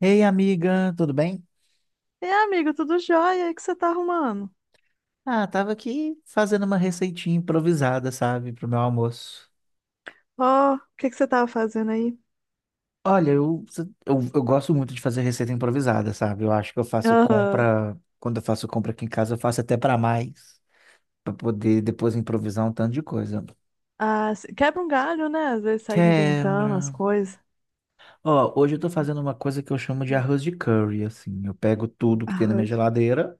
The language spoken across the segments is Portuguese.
Ei, amiga, tudo bem? E amigo, tudo jóia? O que você tá arrumando? Ah, tava aqui fazendo uma receitinha improvisada, sabe, pro meu almoço. Ó, o que você tava fazendo aí? Olha, eu, eu gosto muito de fazer receita improvisada, sabe? Eu acho que eu faço Aham. compra, quando eu faço compra aqui em casa, eu faço até pra mais, pra poder depois improvisar um tanto de coisa. Ah, quebra um galho, né? Às vezes sai inventando as Quebra. coisas. Ó, hoje eu tô fazendo uma coisa que eu chamo de arroz de curry, assim. Eu pego tudo que tem na minha Arroz. geladeira,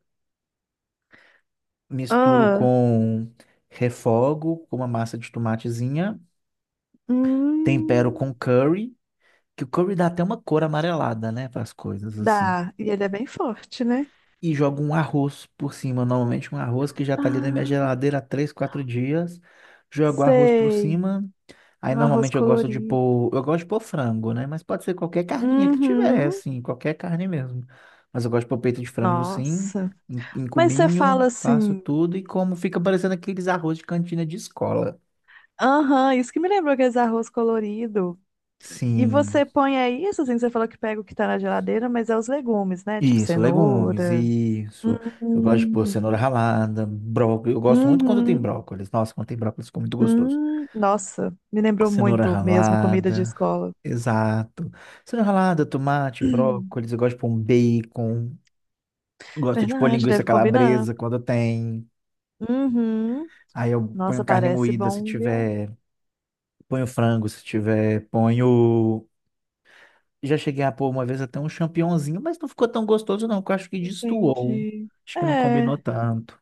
misturo Ah, com refogo, com uma massa de tomatezinha, tempero hum, com curry. Que o curry dá até uma cor amarelada, né, para as coisas, assim. dá. E ele é bem forte, né? E jogo um arroz por cima, normalmente um arroz que já tá ali na minha Ah, geladeira há três, quatro dias. Jogo arroz por sei. cima. Aí Um arroz normalmente eu gosto de colorido. pôr, eu gosto de pôr frango, né? Mas pode ser qualquer carninha que tiver, Uhum. assim, qualquer carne mesmo. Mas eu gosto de pôr peito de frango sim, Nossa. em Mas você cubinho, fala faço assim, tudo e como fica parecendo aqueles arroz de cantina de escola. aham, isso que me lembrou aqueles arroz colorido. E Sim. você põe aí isso, assim, você falou que pega o que tá na geladeira, mas é os legumes, né? Tipo Isso, legumes, cenoura. isso. Eu gosto de pôr Hum, cenoura ralada, brócolis. Eu gosto muito quando tem uhum, brócolis. Nossa, quando tem brócolis fica muito gostoso. hum. Nossa, me lembrou Cenoura muito mesmo comida de ralada, escola. exato. Cenoura ralada, tomate, brócolis. Eu gosto de pôr um bacon. Eu gosto de pôr Verdade, linguiça deve combinar. calabresa quando tem. Uhum. Aí eu ponho Nossa, carne parece moída se bom, viu? tiver. Ponho frango se tiver. Ponho. Já cheguei a pôr uma vez até um champignonzinho, mas não ficou tão gostoso, não, que eu acho que destoou. Entendi. Acho que não É, combinou tanto.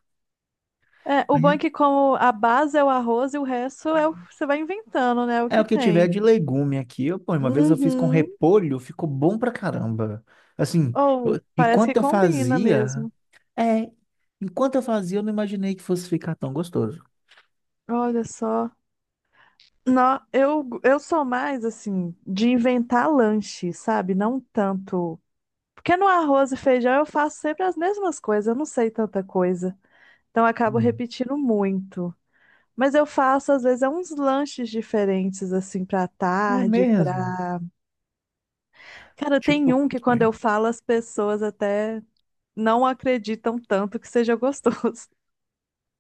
o bom é que como a base é o arroz e o resto é, você vai inventando, né? O É o que que tiver tem. de legume aqui. Eu, pô, uma vez eu fiz com Uhum. repolho, ficou bom pra caramba. Assim, Ou parece enquanto que eu combina fazia, mesmo. é, enquanto eu fazia, eu não imaginei que fosse ficar tão gostoso. Olha só. Não, eu sou mais assim de inventar lanche, sabe? Não tanto. Porque no arroz e feijão eu faço sempre as mesmas coisas, eu não sei tanta coisa. Então eu acabo Hum. repetindo muito. Mas eu faço, às vezes, é uns lanches diferentes, assim, pra É tarde, mesmo. pra. Cara, tem Tipo, um que quando eu falo, as pessoas até não acreditam tanto que seja gostoso.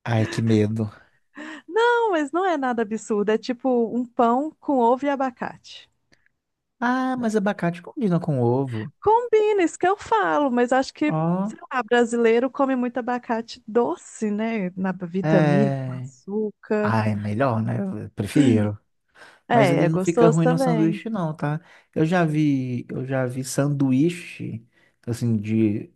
ai, que medo. Não, mas não é nada absurdo. É tipo um pão com ovo e abacate. Ah, mas abacate combina com ovo. Combina, isso que eu falo, mas acho que, Ó, sei lá, brasileiro come muito abacate doce, né? Na vitamina, com é. açúcar. Ai, melhor, né? Eu prefiro. Mas É, ele é não fica gostoso ruim no também. sanduíche, não, tá? Eu já vi sanduíche, assim, de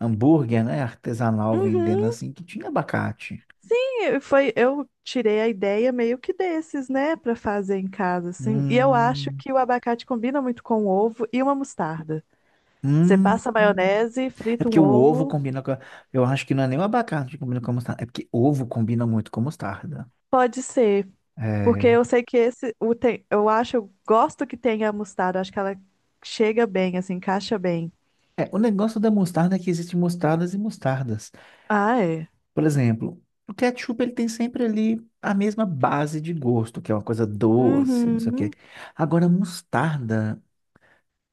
hambúrguer, né? Artesanal vendendo Uhum. assim, que tinha abacate. Sim, foi, eu tirei a ideia meio que desses, né, pra fazer em casa, assim. E eu acho Hum. que o abacate combina muito com ovo e uma mostarda. Você Hum. passa maionese, É frita um porque o ovo ovo, combina com. Eu acho que não é nem o abacate que combina com a mostarda. É porque ovo combina muito com mostarda. pode ser, porque É. eu sei que esse, o tem, eu acho, eu gosto que tenha a mostarda, acho que ela chega bem, assim, encaixa bem. É, o negócio da mostarda é que existem mostardas e mostardas. Ah, é. Por exemplo, o ketchup ele tem sempre ali a mesma base de gosto, que é uma coisa doce, não sei o quê. Uhum. Agora, mostarda,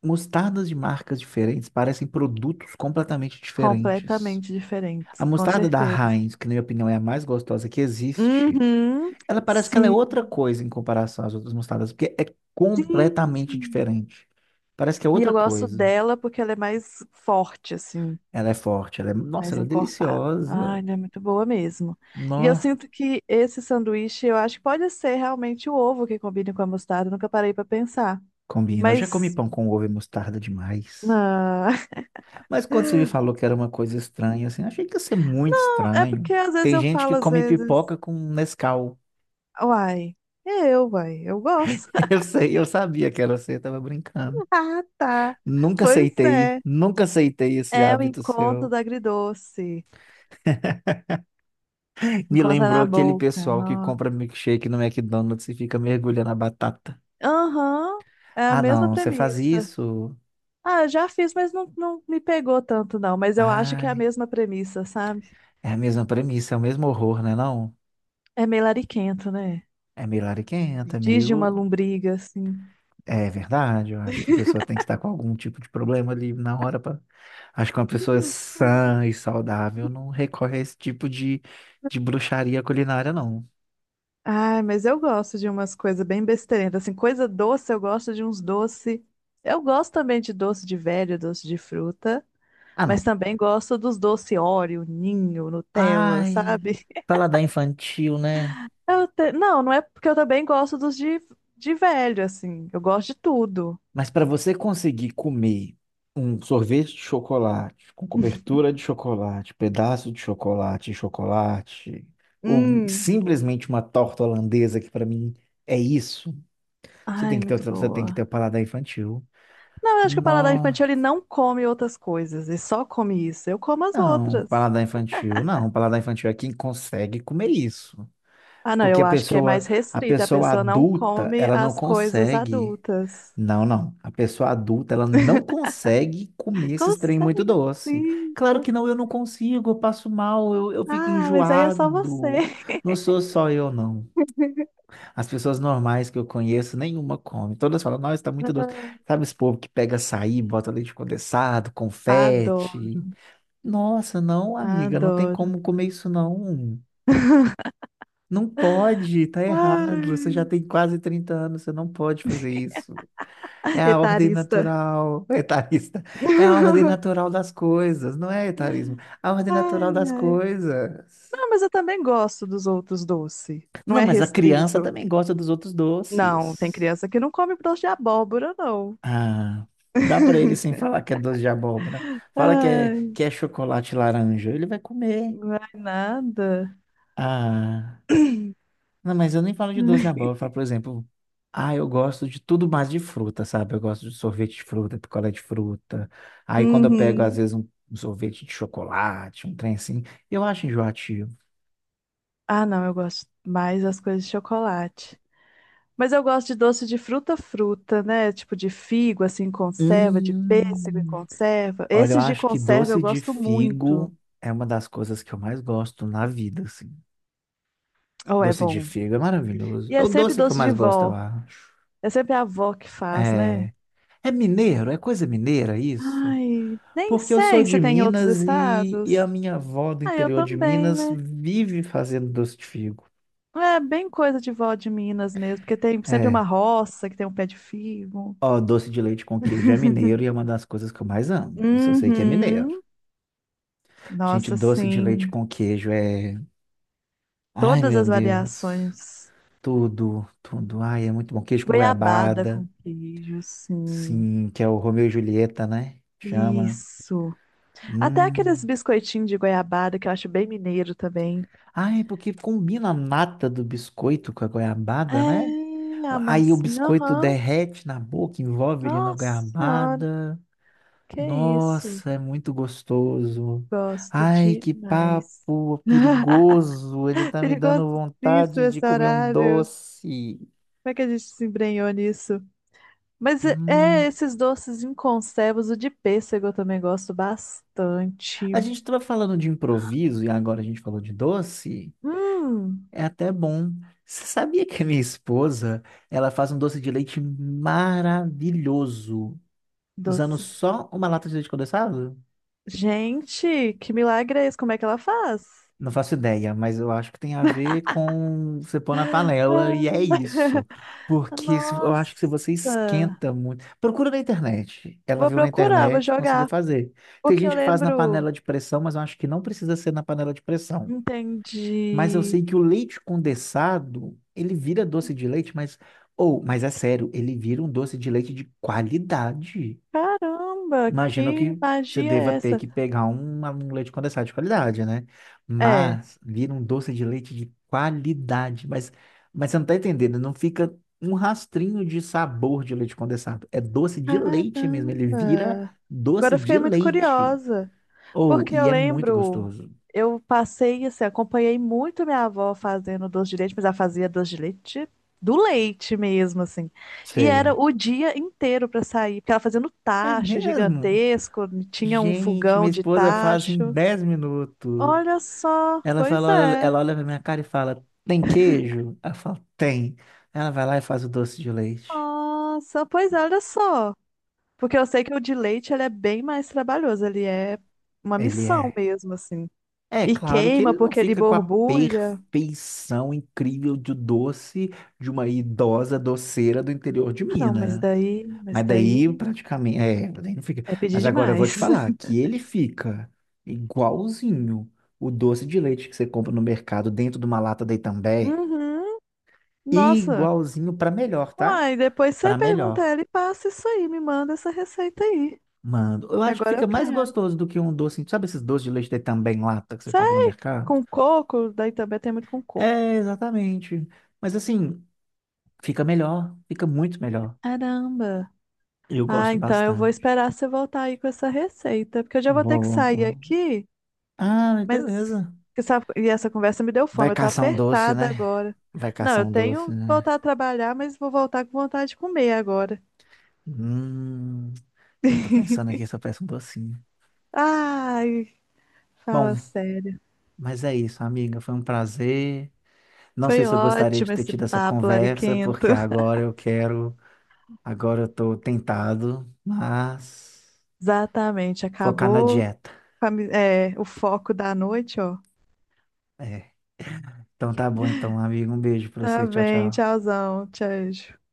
mostardas de marcas diferentes parecem produtos completamente diferentes. Completamente diferentes, A com mostarda da certeza. Heinz, que na minha opinião é a mais gostosa que existe, Uhum. ela parece que ela é Sim. outra coisa em comparação às outras mostardas, porque é completamente Sim. diferente. Parece que é E outra eu gosto coisa. dela porque ela é mais forte, assim, Ela é forte, ela é, nossa, mais ela é encorpada. Ah, deliciosa. ela é muito boa mesmo. E eu Nó, sinto que esse sanduíche, eu acho que pode ser realmente o ovo que combine com a mostarda, nunca parei pra pensar. combina. Eu já comi Mas, pão com ovo e mostarda demais. ah, Mas quando você me falou que era uma coisa estranha, assim, achei que ia ser muito é estranho. porque às vezes Tem eu gente falo, que às come vezes, pipoca com Nescau. uai, uai, eu gosto. Eu sei, eu sabia que era você, eu tava brincando. Ah, tá. Nunca Pois aceitei, é. nunca aceitei esse É o hábito encontro seu. do agridoce. Me Encontra lembrou na aquele boca. pessoal que Não. compra milkshake no McDonald's e fica mergulhando a batata. Aham, é a Ah, mesma não, você faz premissa. isso? Ah, eu já fiz, mas não, não me pegou tanto, não. Mas eu acho que é a Ai, mesma premissa, sabe? é a mesma premissa, é o mesmo horror, né, não? É meio lariquento, né? É meio lariquenta, é Diz de uma meio... lombriga, assim. É verdade, eu acho que a pessoa tem que estar com algum tipo de problema ali na hora pra... Acho que uma pessoa sã e saudável não recorre a esse tipo de bruxaria culinária, não. Ai, mas eu gosto de umas coisas bem besteirentas. Assim, coisa doce, eu gosto de uns doce. Eu gosto também de doce de velho, doce de fruta. Ah, Mas não. também gosto dos doce Oreo, Ninho, Nutella, Ai, sabe? paladar infantil, né? Não, não é porque eu também gosto dos de velho, assim. Eu gosto de tudo. Mas para você conseguir comer um sorvete de chocolate, com cobertura de chocolate, pedaço de chocolate, e chocolate, ou Hum, simplesmente uma torta holandesa, que para mim é isso, você Ai, tem que ter muito outra, você tem que ter o boa. paladar infantil. Não, eu acho que o paladar Nó- infantil ele não come outras coisas, ele só come isso. Eu como as Não, outras. paladar infantil, não, paladar infantil é quem consegue comer isso. Ah, não, Porque eu acho que é mais a restrita, a pessoa pessoa não adulta, come ela não as coisas consegue. adultas. Não, não. A pessoa adulta, ela não consegue comer esses trem muito Consegue doce. sim. Claro que não, eu não consigo, eu passo mal, eu fico Ah, mas aí é só você. enjoado. Não sou só eu, não. As pessoas normais que eu conheço, nenhuma come. Todas falam, nossa, tá muito doce. Sabe esse povo que pega açaí, bota leite condensado, Adoro, confete? Nossa, não, amiga, não tem adoro. como comer isso, não. Não pode, tá errado. Você já Ai, tem quase 30 anos, você não pode fazer isso. É a ordem etarista. natural, etarista. É a ordem natural das coisas, não é etarismo. A ordem Ai, natural das ai. coisas. Não, mas eu também gosto dos outros doces. Não Não, é mas a criança restrito. também gosta dos outros Não, tem doces. criança que não come doce de abóbora, não. Ah, dá para ele sem falar que é doce de abóbora. Fala Ai, que é chocolate laranja, ele vai comer. não é nada. Ah. Não, mas eu nem falo de doce de abóbora. Eu falo, por exemplo, ah, eu gosto de tudo mais de fruta, sabe? Eu gosto de sorvete de fruta, picolé de fruta. Aí quando eu pego, às Uhum. vezes, um sorvete de chocolate, um trem assim, eu acho enjoativo. Ah, não, eu gosto mais das coisas de chocolate. Mas eu gosto de doce de fruta, fruta, né? Tipo de figo, assim, em conserva, de pêssego em Hum. conserva. Olha, eu Esses de acho que conserva eu doce de gosto muito. figo é uma das coisas que eu mais gosto na vida, assim. Oh, é Doce de bom. figo é maravilhoso. E É é o sempre doce que eu doce mais de gosto, eu vó. acho. É sempre a avó que faz, né? É, é mineiro, é coisa mineira isso? Ai, nem Porque eu sou sei se de tem em outros Minas e a estados. minha avó do Ah, eu interior de também, Minas né? vive fazendo doce de figo. É bem coisa de vó de Minas mesmo, porque tem sempre É. uma roça que tem um pé de figo. Ó, doce de leite com queijo é mineiro e é uma das coisas que eu mais amo. Isso eu sei que é mineiro. Uhum. Gente, Nossa, doce de leite sim, com queijo é. Ai, todas meu as Deus. variações. Tudo, tudo. Ai, é muito bom. Queijo com Goiabada goiabada. com queijo, sim. Sim, que é o Romeu e Julieta, né? Chama. Isso. Até aqueles Hum. biscoitinhos de goiabada que eu acho bem mineiro também. Ai, porque combina a nata do biscoito com a goiabada, né? É, a Aí o massinha, biscoito aham. derrete na boca, envolve ele na Nossa senhora, garrabada. que isso. Nossa, é muito gostoso. Gosto Ai, que demais. papo perigoso. Ele tá me dando Perigosíssimo vontade de esse comer um horário. doce. Como é que a gente se embrenhou nisso? Hum. Esses doces em conservas, o de pêssego eu também gosto bastante. A gente estava falando de improviso e agora a gente falou de doce. Hum, É até bom. Você sabia que a minha esposa, ela faz um doce de leite maravilhoso, usando doce. só uma lata de leite condensado? Gente, que milagre é esse? Como é que ela faz? Não faço ideia, mas eu acho que tem a ver com você pôr na panela e é isso. Ah, Porque eu acho que se você nossa. esquenta muito. Procura na internet. Ela Vou viu na procurar, vou internet, conseguiu jogar. fazer. Tem Porque eu gente que faz na lembro. panela de pressão, mas eu acho que não precisa ser na panela de pressão. Mas eu sei Entendi. que o leite condensado, ele vira doce de leite, mas. Ou, mas é sério, ele vira um doce de leite de qualidade. Caramba, Imagino que que você magia deva é ter essa? que pegar um, um leite condensado de qualidade, né? É. Mas vira um doce de leite de qualidade. Mas você não tá entendendo, não fica um rastrinho de sabor de leite condensado. É doce de leite mesmo, ele vira Caramba. Agora doce eu de fiquei muito leite. curiosa. Ou, Porque eu e é muito lembro, gostoso. eu passei, assim, acompanhei muito minha avó fazendo doce de leite, mas ela fazia doce de leite do leite mesmo, assim. E era Sei. o dia inteiro para sair, porque ela fazia no É tacho mesmo? gigantesco, tinha um Gente, fogão minha de esposa faz em tacho. 10 minutos. Olha só, Ela pois fala, é. ela olha pra minha cara e fala, tem queijo? Ela fala, tem. Ela vai lá e faz o doce de leite. Nossa, pois é, olha só. Porque eu sei que o de leite ele é bem mais trabalhoso, ele é uma Ele missão é. mesmo, assim. É E claro que queima ele não porque ele fica com a borbulha. perfeição incrível de doce de uma idosa doceira do interior de Ah, não, Minas. Mas Mas daí daí. praticamente, é, daí não fica. É pedir Mas agora eu vou te demais. falar que ele fica igualzinho o doce de leite que você compra no mercado dentro de uma lata da Itambé, Uhum. Nossa. igualzinho para melhor, tá? Uai, depois você Para pergunta a melhor. ela e passa isso aí, me manda essa receita aí. Mano, eu acho que Agora eu fica mais quero. gostoso do que um doce. Sabe esses doces de leite de também em lata que você compra no Sai mercado? com coco, daí também tem muito com coco. É, exatamente. Mas assim, fica melhor, fica muito melhor. Caramba. Eu Ah, gosto então eu vou bastante. esperar você voltar aí com essa receita, porque eu já vou ter que Boa. sair aqui, Ah, mas mas beleza. E essa conversa me deu Vai fome, eu tô caçar um doce, apertada né? agora. Vai Não, caçar eu um doce, tenho que né? voltar a trabalhar, mas vou voltar com vontade de comer agora. Hum, eu tô pensando aqui se eu peço um docinho. Ai, Bom, fala sério. mas é isso, amiga. Foi um prazer. Não sei Foi se eu gostaria de ótimo ter esse tido essa papo conversa, lariquento. porque agora eu quero. Agora eu tô tentado, mas Exatamente, focar na acabou dieta. com a é, o foco da noite, ó. É. Então tá bom, então, amigo. Um beijo pra Tá você. Tchau, bem, tchau. tchauzão, tchau.